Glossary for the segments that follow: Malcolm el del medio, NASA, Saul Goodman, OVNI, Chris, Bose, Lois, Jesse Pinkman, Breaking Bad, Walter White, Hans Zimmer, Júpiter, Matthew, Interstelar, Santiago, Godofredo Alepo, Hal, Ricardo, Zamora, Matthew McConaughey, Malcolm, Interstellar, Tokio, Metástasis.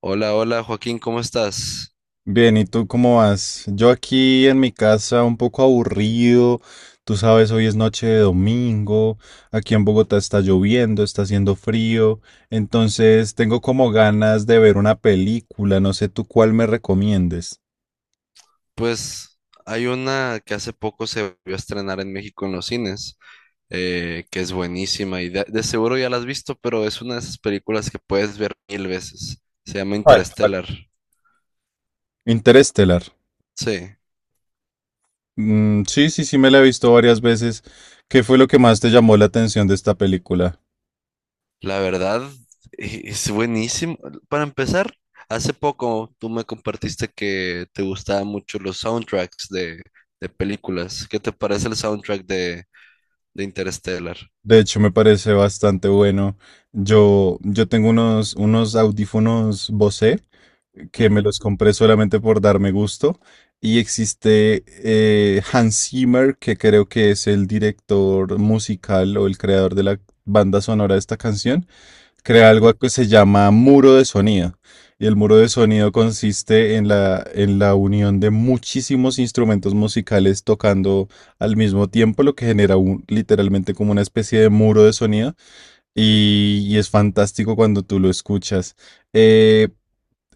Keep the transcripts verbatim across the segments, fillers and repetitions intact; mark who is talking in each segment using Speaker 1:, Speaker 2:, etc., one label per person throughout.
Speaker 1: Hola, hola Joaquín, ¿cómo estás?
Speaker 2: Bien, ¿y tú cómo vas? Yo aquí en mi casa un poco aburrido, tú sabes, hoy es noche de domingo, aquí en Bogotá está lloviendo, está haciendo frío, entonces tengo como ganas de ver una película, no sé tú cuál me recomiendes.
Speaker 1: Pues hay una que hace poco se vio a estrenar en México en los cines, eh, que es buenísima y de, de seguro ya la has visto, pero es una de esas películas que puedes ver mil veces. Se llama
Speaker 2: ¿Cuál, cuál?
Speaker 1: Interstellar.
Speaker 2: Interestelar.
Speaker 1: Sí,
Speaker 2: Mm, sí, sí, sí, me la he visto varias veces. ¿Qué fue lo que más te llamó la atención de esta película?
Speaker 1: la verdad e- es buenísimo. Para empezar, hace poco tú me compartiste que te gustaban mucho los soundtracks de, de películas. ¿Qué te parece el soundtrack de, de Interstellar?
Speaker 2: De hecho, me parece bastante bueno. Yo, yo tengo unos, unos audífonos Bose, que me
Speaker 1: Ujú,
Speaker 2: los compré solamente por darme gusto. Y existe eh, Hans Zimmer, que creo que es el director musical o el creador de la banda sonora de esta canción. Crea
Speaker 1: ujú.
Speaker 2: algo que se llama muro de sonido. Y el muro de sonido consiste en la, en la unión de muchísimos instrumentos musicales tocando al mismo tiempo, lo que genera un- literalmente como una especie de muro de sonido. Y, y es fantástico cuando tú lo escuchas. Eh,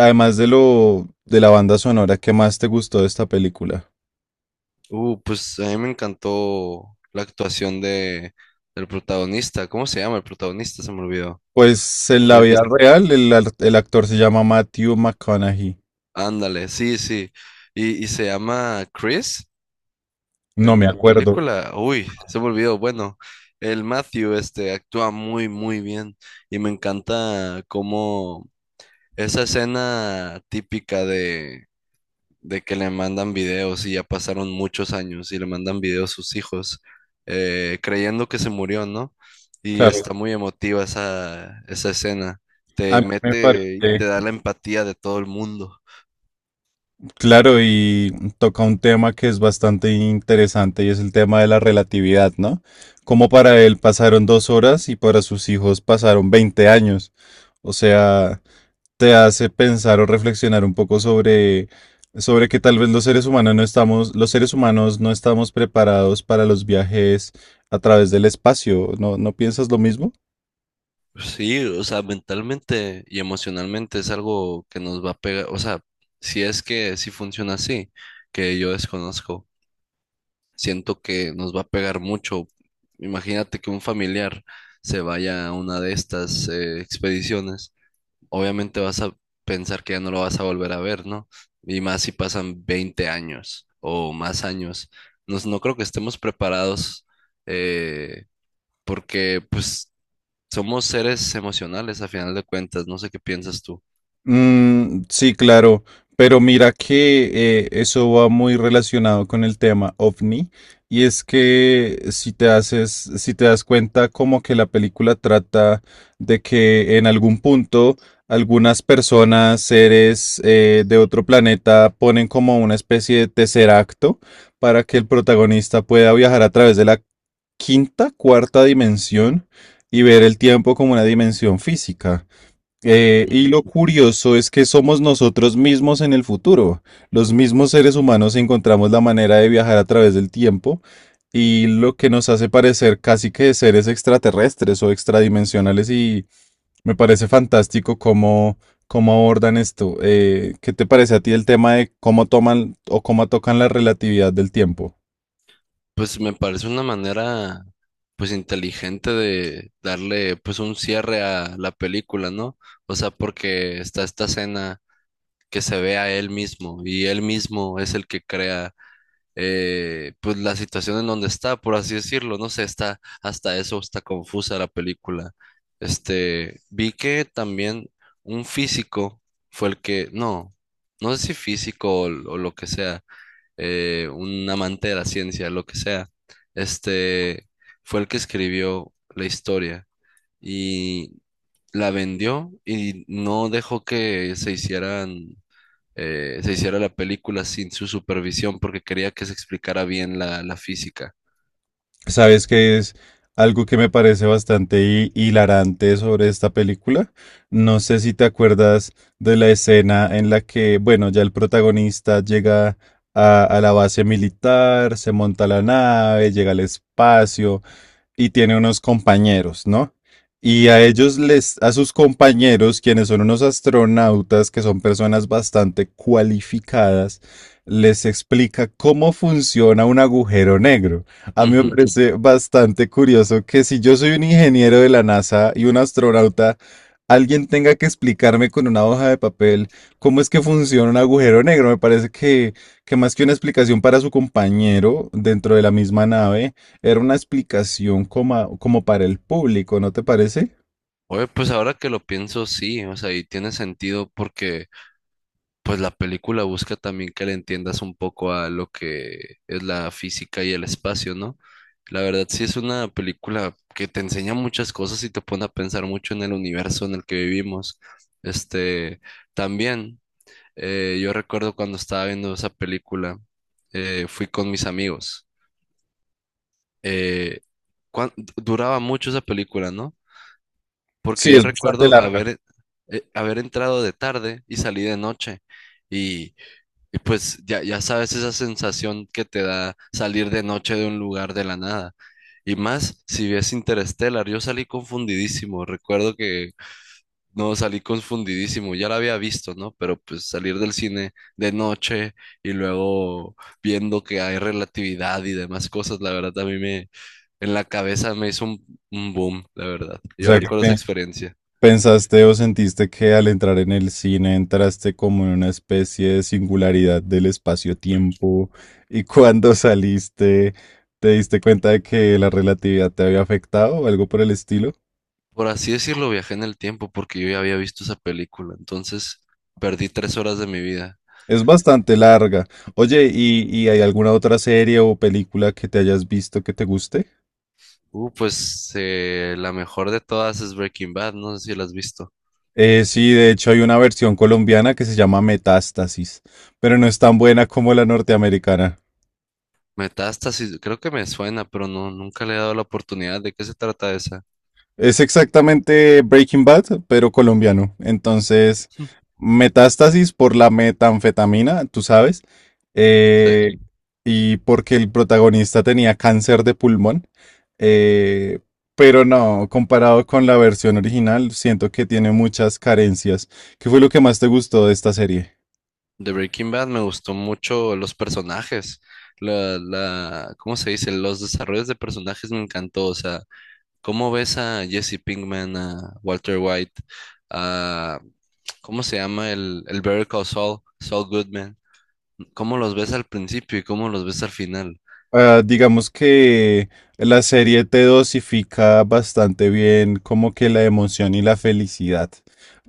Speaker 2: Además de lo de la banda sonora, ¿qué más te gustó de esta película?
Speaker 1: Uh, pues a mí me encantó la actuación de, del protagonista. ¿Cómo se llama el protagonista? Se me olvidó.
Speaker 2: Pues en la
Speaker 1: El que,
Speaker 2: vida real el, ar- el actor se llama Matthew McConaughey.
Speaker 1: ándale, sí, sí. Y, y se llama Chris
Speaker 2: No me
Speaker 1: en la
Speaker 2: acuerdo.
Speaker 1: película. Uy, se me olvidó. Bueno, el Matthew este, actúa muy, muy bien. Y me encanta cómo esa escena típica de, de que le mandan videos y ya pasaron muchos años y le mandan videos sus hijos, eh, creyendo que se murió, ¿no? Y
Speaker 2: Claro,
Speaker 1: está muy emotiva esa, esa escena.
Speaker 2: a
Speaker 1: Te
Speaker 2: mí me
Speaker 1: mete y te
Speaker 2: parece.
Speaker 1: da la empatía de todo el mundo.
Speaker 2: Claro, y toca un tema que es bastante interesante y es el tema de la relatividad, ¿no? Como para él pasaron dos horas y para sus hijos pasaron veinte años. O sea, te hace pensar o reflexionar un poco sobre, sobre que tal vez los seres humanos no estamos, los seres humanos no estamos preparados para los viajes a través del espacio. ¿No, no piensas lo mismo?
Speaker 1: Sí, o sea, mentalmente y emocionalmente es algo que nos va a pegar, o sea, si es que sí funciona así, que yo desconozco, siento que nos va a pegar mucho. Imagínate que un familiar se vaya a una de estas eh, expediciones obviamente vas a pensar que ya no lo vas a volver a ver, ¿no? Y más si pasan veinte años o más años. No, no creo que estemos preparados eh, porque pues somos seres emocionales a final de cuentas. No sé qué piensas tú.
Speaker 2: Mm, sí, claro, pero mira que eh, eso va muy relacionado con el tema OVNI y es que si te haces, si te das cuenta como que la película trata de que en algún punto algunas personas, seres eh, de otro planeta ponen como una especie de tercer acto para que el protagonista pueda viajar a través de la quinta, cuarta dimensión y ver el tiempo como una dimensión física. Eh, y lo
Speaker 1: Ujú.
Speaker 2: curioso es que somos nosotros mismos en el futuro. Los mismos seres humanos encontramos la manera de viajar a través del tiempo y lo que nos hace parecer casi que seres extraterrestres o extradimensionales y me parece fantástico cómo, cómo abordan esto. Eh, ¿qué te parece a ti el tema de cómo toman o cómo tocan la relatividad del tiempo?
Speaker 1: Pues me parece una manera pues inteligente de darle pues un cierre a la película, ¿no? O sea, porque está esta escena que se ve a él mismo y él mismo es el que crea eh, pues la situación en donde está, por así decirlo, no sé, está hasta eso, está confusa la película. Este, vi que también un físico fue el que, no, no sé si físico o, l- o lo que sea, eh, un amante de la ciencia, lo que sea, este, fue el que escribió la historia y la vendió y no dejó que se hicieran eh, se hiciera la película sin su supervisión porque quería que se explicara bien la, la física.
Speaker 2: ¿Sabes qué es algo que me parece bastante hi- hilarante sobre esta película? No sé si te acuerdas de la escena en la que, bueno, ya el protagonista llega a, a la base militar, se monta la nave, llega al espacio y tiene unos compañeros, ¿no? Y a ellos les, a sus compañeros, quienes son unos astronautas, que son personas bastante cualificadas, les explica cómo funciona un agujero negro. A mí me
Speaker 1: Ujú.
Speaker 2: parece bastante curioso que si yo soy un ingeniero de la NASA y un astronauta, alguien tenga que explicarme con una hoja de papel cómo es que funciona un agujero negro. Me parece que, que más que una explicación para su compañero dentro de la misma nave, era una explicación como, como para el público, ¿no te parece?
Speaker 1: Oye, pues ahora que lo pienso, sí, o sea, y tiene sentido porque pues la película busca también que le entiendas un poco a lo que es la física y el espacio, ¿no? La verdad sí es una película que te enseña muchas cosas y te pone a pensar mucho en el universo en el que vivimos. Este, también, eh, yo recuerdo cuando estaba viendo esa película, eh, fui con mis amigos eh, cuán- duraba mucho esa película, ¿no? Porque
Speaker 2: Sí,
Speaker 1: yo
Speaker 2: es bastante
Speaker 1: recuerdo
Speaker 2: larga.
Speaker 1: haber, eh, haber entrado de tarde y salí de noche. Y, y pues ya, ya sabes esa sensación que te da salir de noche de un lugar de la nada. Y más si ves Interstellar, yo salí confundidísimo. Recuerdo que no, salí confundidísimo, ya la había visto, ¿no? Pero pues salir del cine de noche y luego viendo que hay relatividad y demás cosas, la verdad a mí me, en la cabeza me hizo un, un boom, la verdad.
Speaker 2: O
Speaker 1: Yo
Speaker 2: sea, que
Speaker 1: recuerdo esa
Speaker 2: pe-
Speaker 1: experiencia.
Speaker 2: pensaste o sentiste que al entrar en el cine entraste como en una especie de singularidad del espacio-tiempo y cuando saliste te diste cuenta de que la relatividad te había afectado o algo por el estilo.
Speaker 1: Por así decirlo, viajé en el tiempo porque yo ya había visto esa película, entonces perdí tres horas de mi vida.
Speaker 2: Es bastante larga. Oye, ¿y, y hay alguna otra serie o película que te hayas visto que te guste?
Speaker 1: Uh, pues eh, la mejor de todas es Breaking Bad, no sé si la has visto.
Speaker 2: Eh, sí, de hecho hay una versión colombiana que se llama Metástasis, pero no es tan buena como la norteamericana.
Speaker 1: Metástasis, creo que me suena, pero no, nunca le he dado la oportunidad. ¿De qué se trata esa?
Speaker 2: Es exactamente Breaking Bad, pero colombiano. Entonces, metástasis por la metanfetamina, tú sabes,
Speaker 1: Sí,
Speaker 2: eh, y porque el protagonista tenía cáncer de pulmón. eh, pero no, comparado con la versión original, siento que tiene muchas carencias. ¿Qué fue lo que más te gustó de esta serie?
Speaker 1: de Breaking Bad me gustó mucho los personajes, la, la, ¿cómo se dice? Los desarrollos de personajes me encantó, o sea, cómo ves a Jesse Pinkman, a Walter White, a, ¿cómo se llama? El, el Better Call Saul, Saul Goodman, cómo los ves al principio y cómo los ves al final.
Speaker 2: Ah, digamos que la serie te dosifica bastante bien como que la emoción y la felicidad,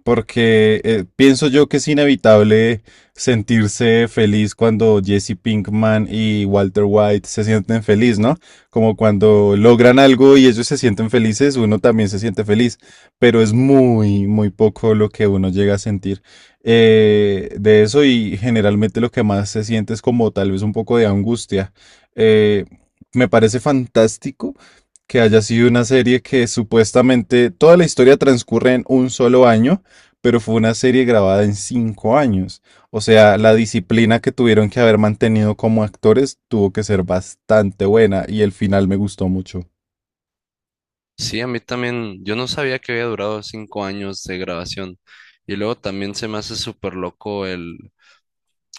Speaker 2: porque eh, pienso yo que es inevitable sentirse feliz cuando Jesse Pinkman y Walter White se sienten feliz, ¿no? Como cuando logran algo y ellos se sienten felices, uno también se siente feliz, pero es muy, muy poco lo que uno llega a sentir eh, de eso, y generalmente lo que más se siente es como tal vez un poco de angustia. eh, Me parece fantástico que haya sido una serie que supuestamente toda la historia transcurre en un solo año, pero fue una serie grabada en cinco años. O sea, la disciplina que tuvieron que haber mantenido como actores tuvo que ser bastante buena y el final me gustó mucho.
Speaker 1: Sí, a mí también, yo no sabía que había durado cinco años de grabación y luego también se me hace súper loco el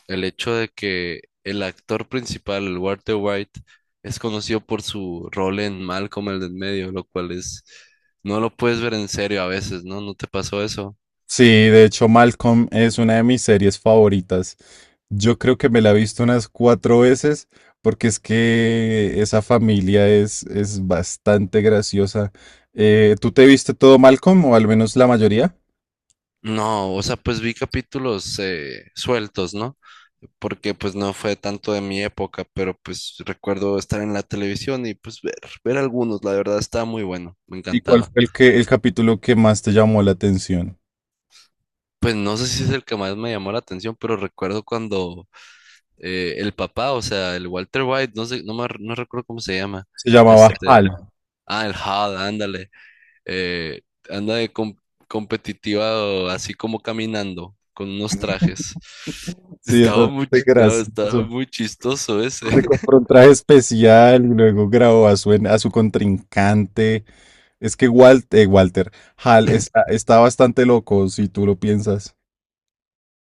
Speaker 1: el hecho de que el actor principal, Walter White, es conocido por su rol en Malcolm el del medio, lo cual es, no lo puedes ver en serio a veces, ¿no? ¿No te pasó eso?
Speaker 2: Sí, de hecho Malcolm es una de mis series favoritas. Yo creo que me la he visto unas cuatro veces, porque es que esa familia es, es bastante graciosa. Eh, ¿tú te viste todo Malcolm o al menos la mayoría?
Speaker 1: No, o sea, pues vi capítulos eh, sueltos, ¿no? Porque pues no fue tanto de mi época, pero pues recuerdo estar en la televisión y pues ver, ver algunos, la verdad estaba muy bueno, me
Speaker 2: ¿Y cuál
Speaker 1: encantaba.
Speaker 2: fue el que, el capítulo que más te llamó la atención?
Speaker 1: Pues no sé si es el que más me llamó la atención, pero recuerdo cuando eh, el papá, o sea, el Walter White, no sé, no, me, no recuerdo cómo se llama.
Speaker 2: Se llamaba Hal.
Speaker 1: Este, ah, el Hal, ándale. eh, Anda de com- competitiva, así como caminando, con unos trajes.
Speaker 2: Sí, es
Speaker 1: Estaba muy,
Speaker 2: bastante
Speaker 1: ch- no, estaba
Speaker 2: gracioso.
Speaker 1: muy chistoso
Speaker 2: Se
Speaker 1: ese,
Speaker 2: compró un traje especial y luego grabó a su, en- a su contrincante. Es que Walt- eh, Walter Hal está, está bastante loco, si tú lo piensas.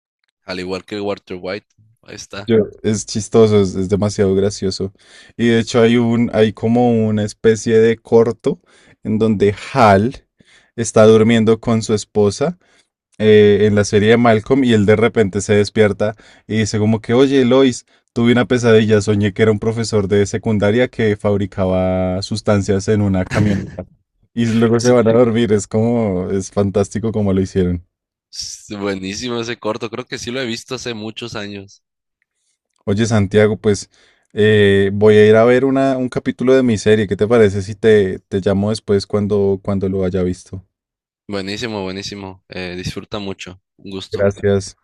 Speaker 1: al igual que Walter White. Ahí está.
Speaker 2: Yo- es chistoso, es, es demasiado gracioso. Y de hecho hay un, hay como una especie de corto en donde Hal está durmiendo con su esposa, eh, en la serie de Malcolm, y él de repente se despierta y dice como que, oye, Lois, tuve una pesadilla, soñé que era un profesor de secundaria que fabricaba sustancias en una camioneta y luego se
Speaker 1: Sí,
Speaker 2: van a dormir, es como, es fantástico como lo hicieron.
Speaker 1: s- buenísimo ese corto, creo que sí lo he visto hace muchos años.
Speaker 2: Oye, Santiago, pues eh, voy a ir a ver una, un capítulo de mi serie, ¿qué te parece si te, te llamo después cuando, cuando lo haya visto?
Speaker 1: Buenísimo, buenísimo. Eh, disfruta mucho. Un gusto.
Speaker 2: Gracias.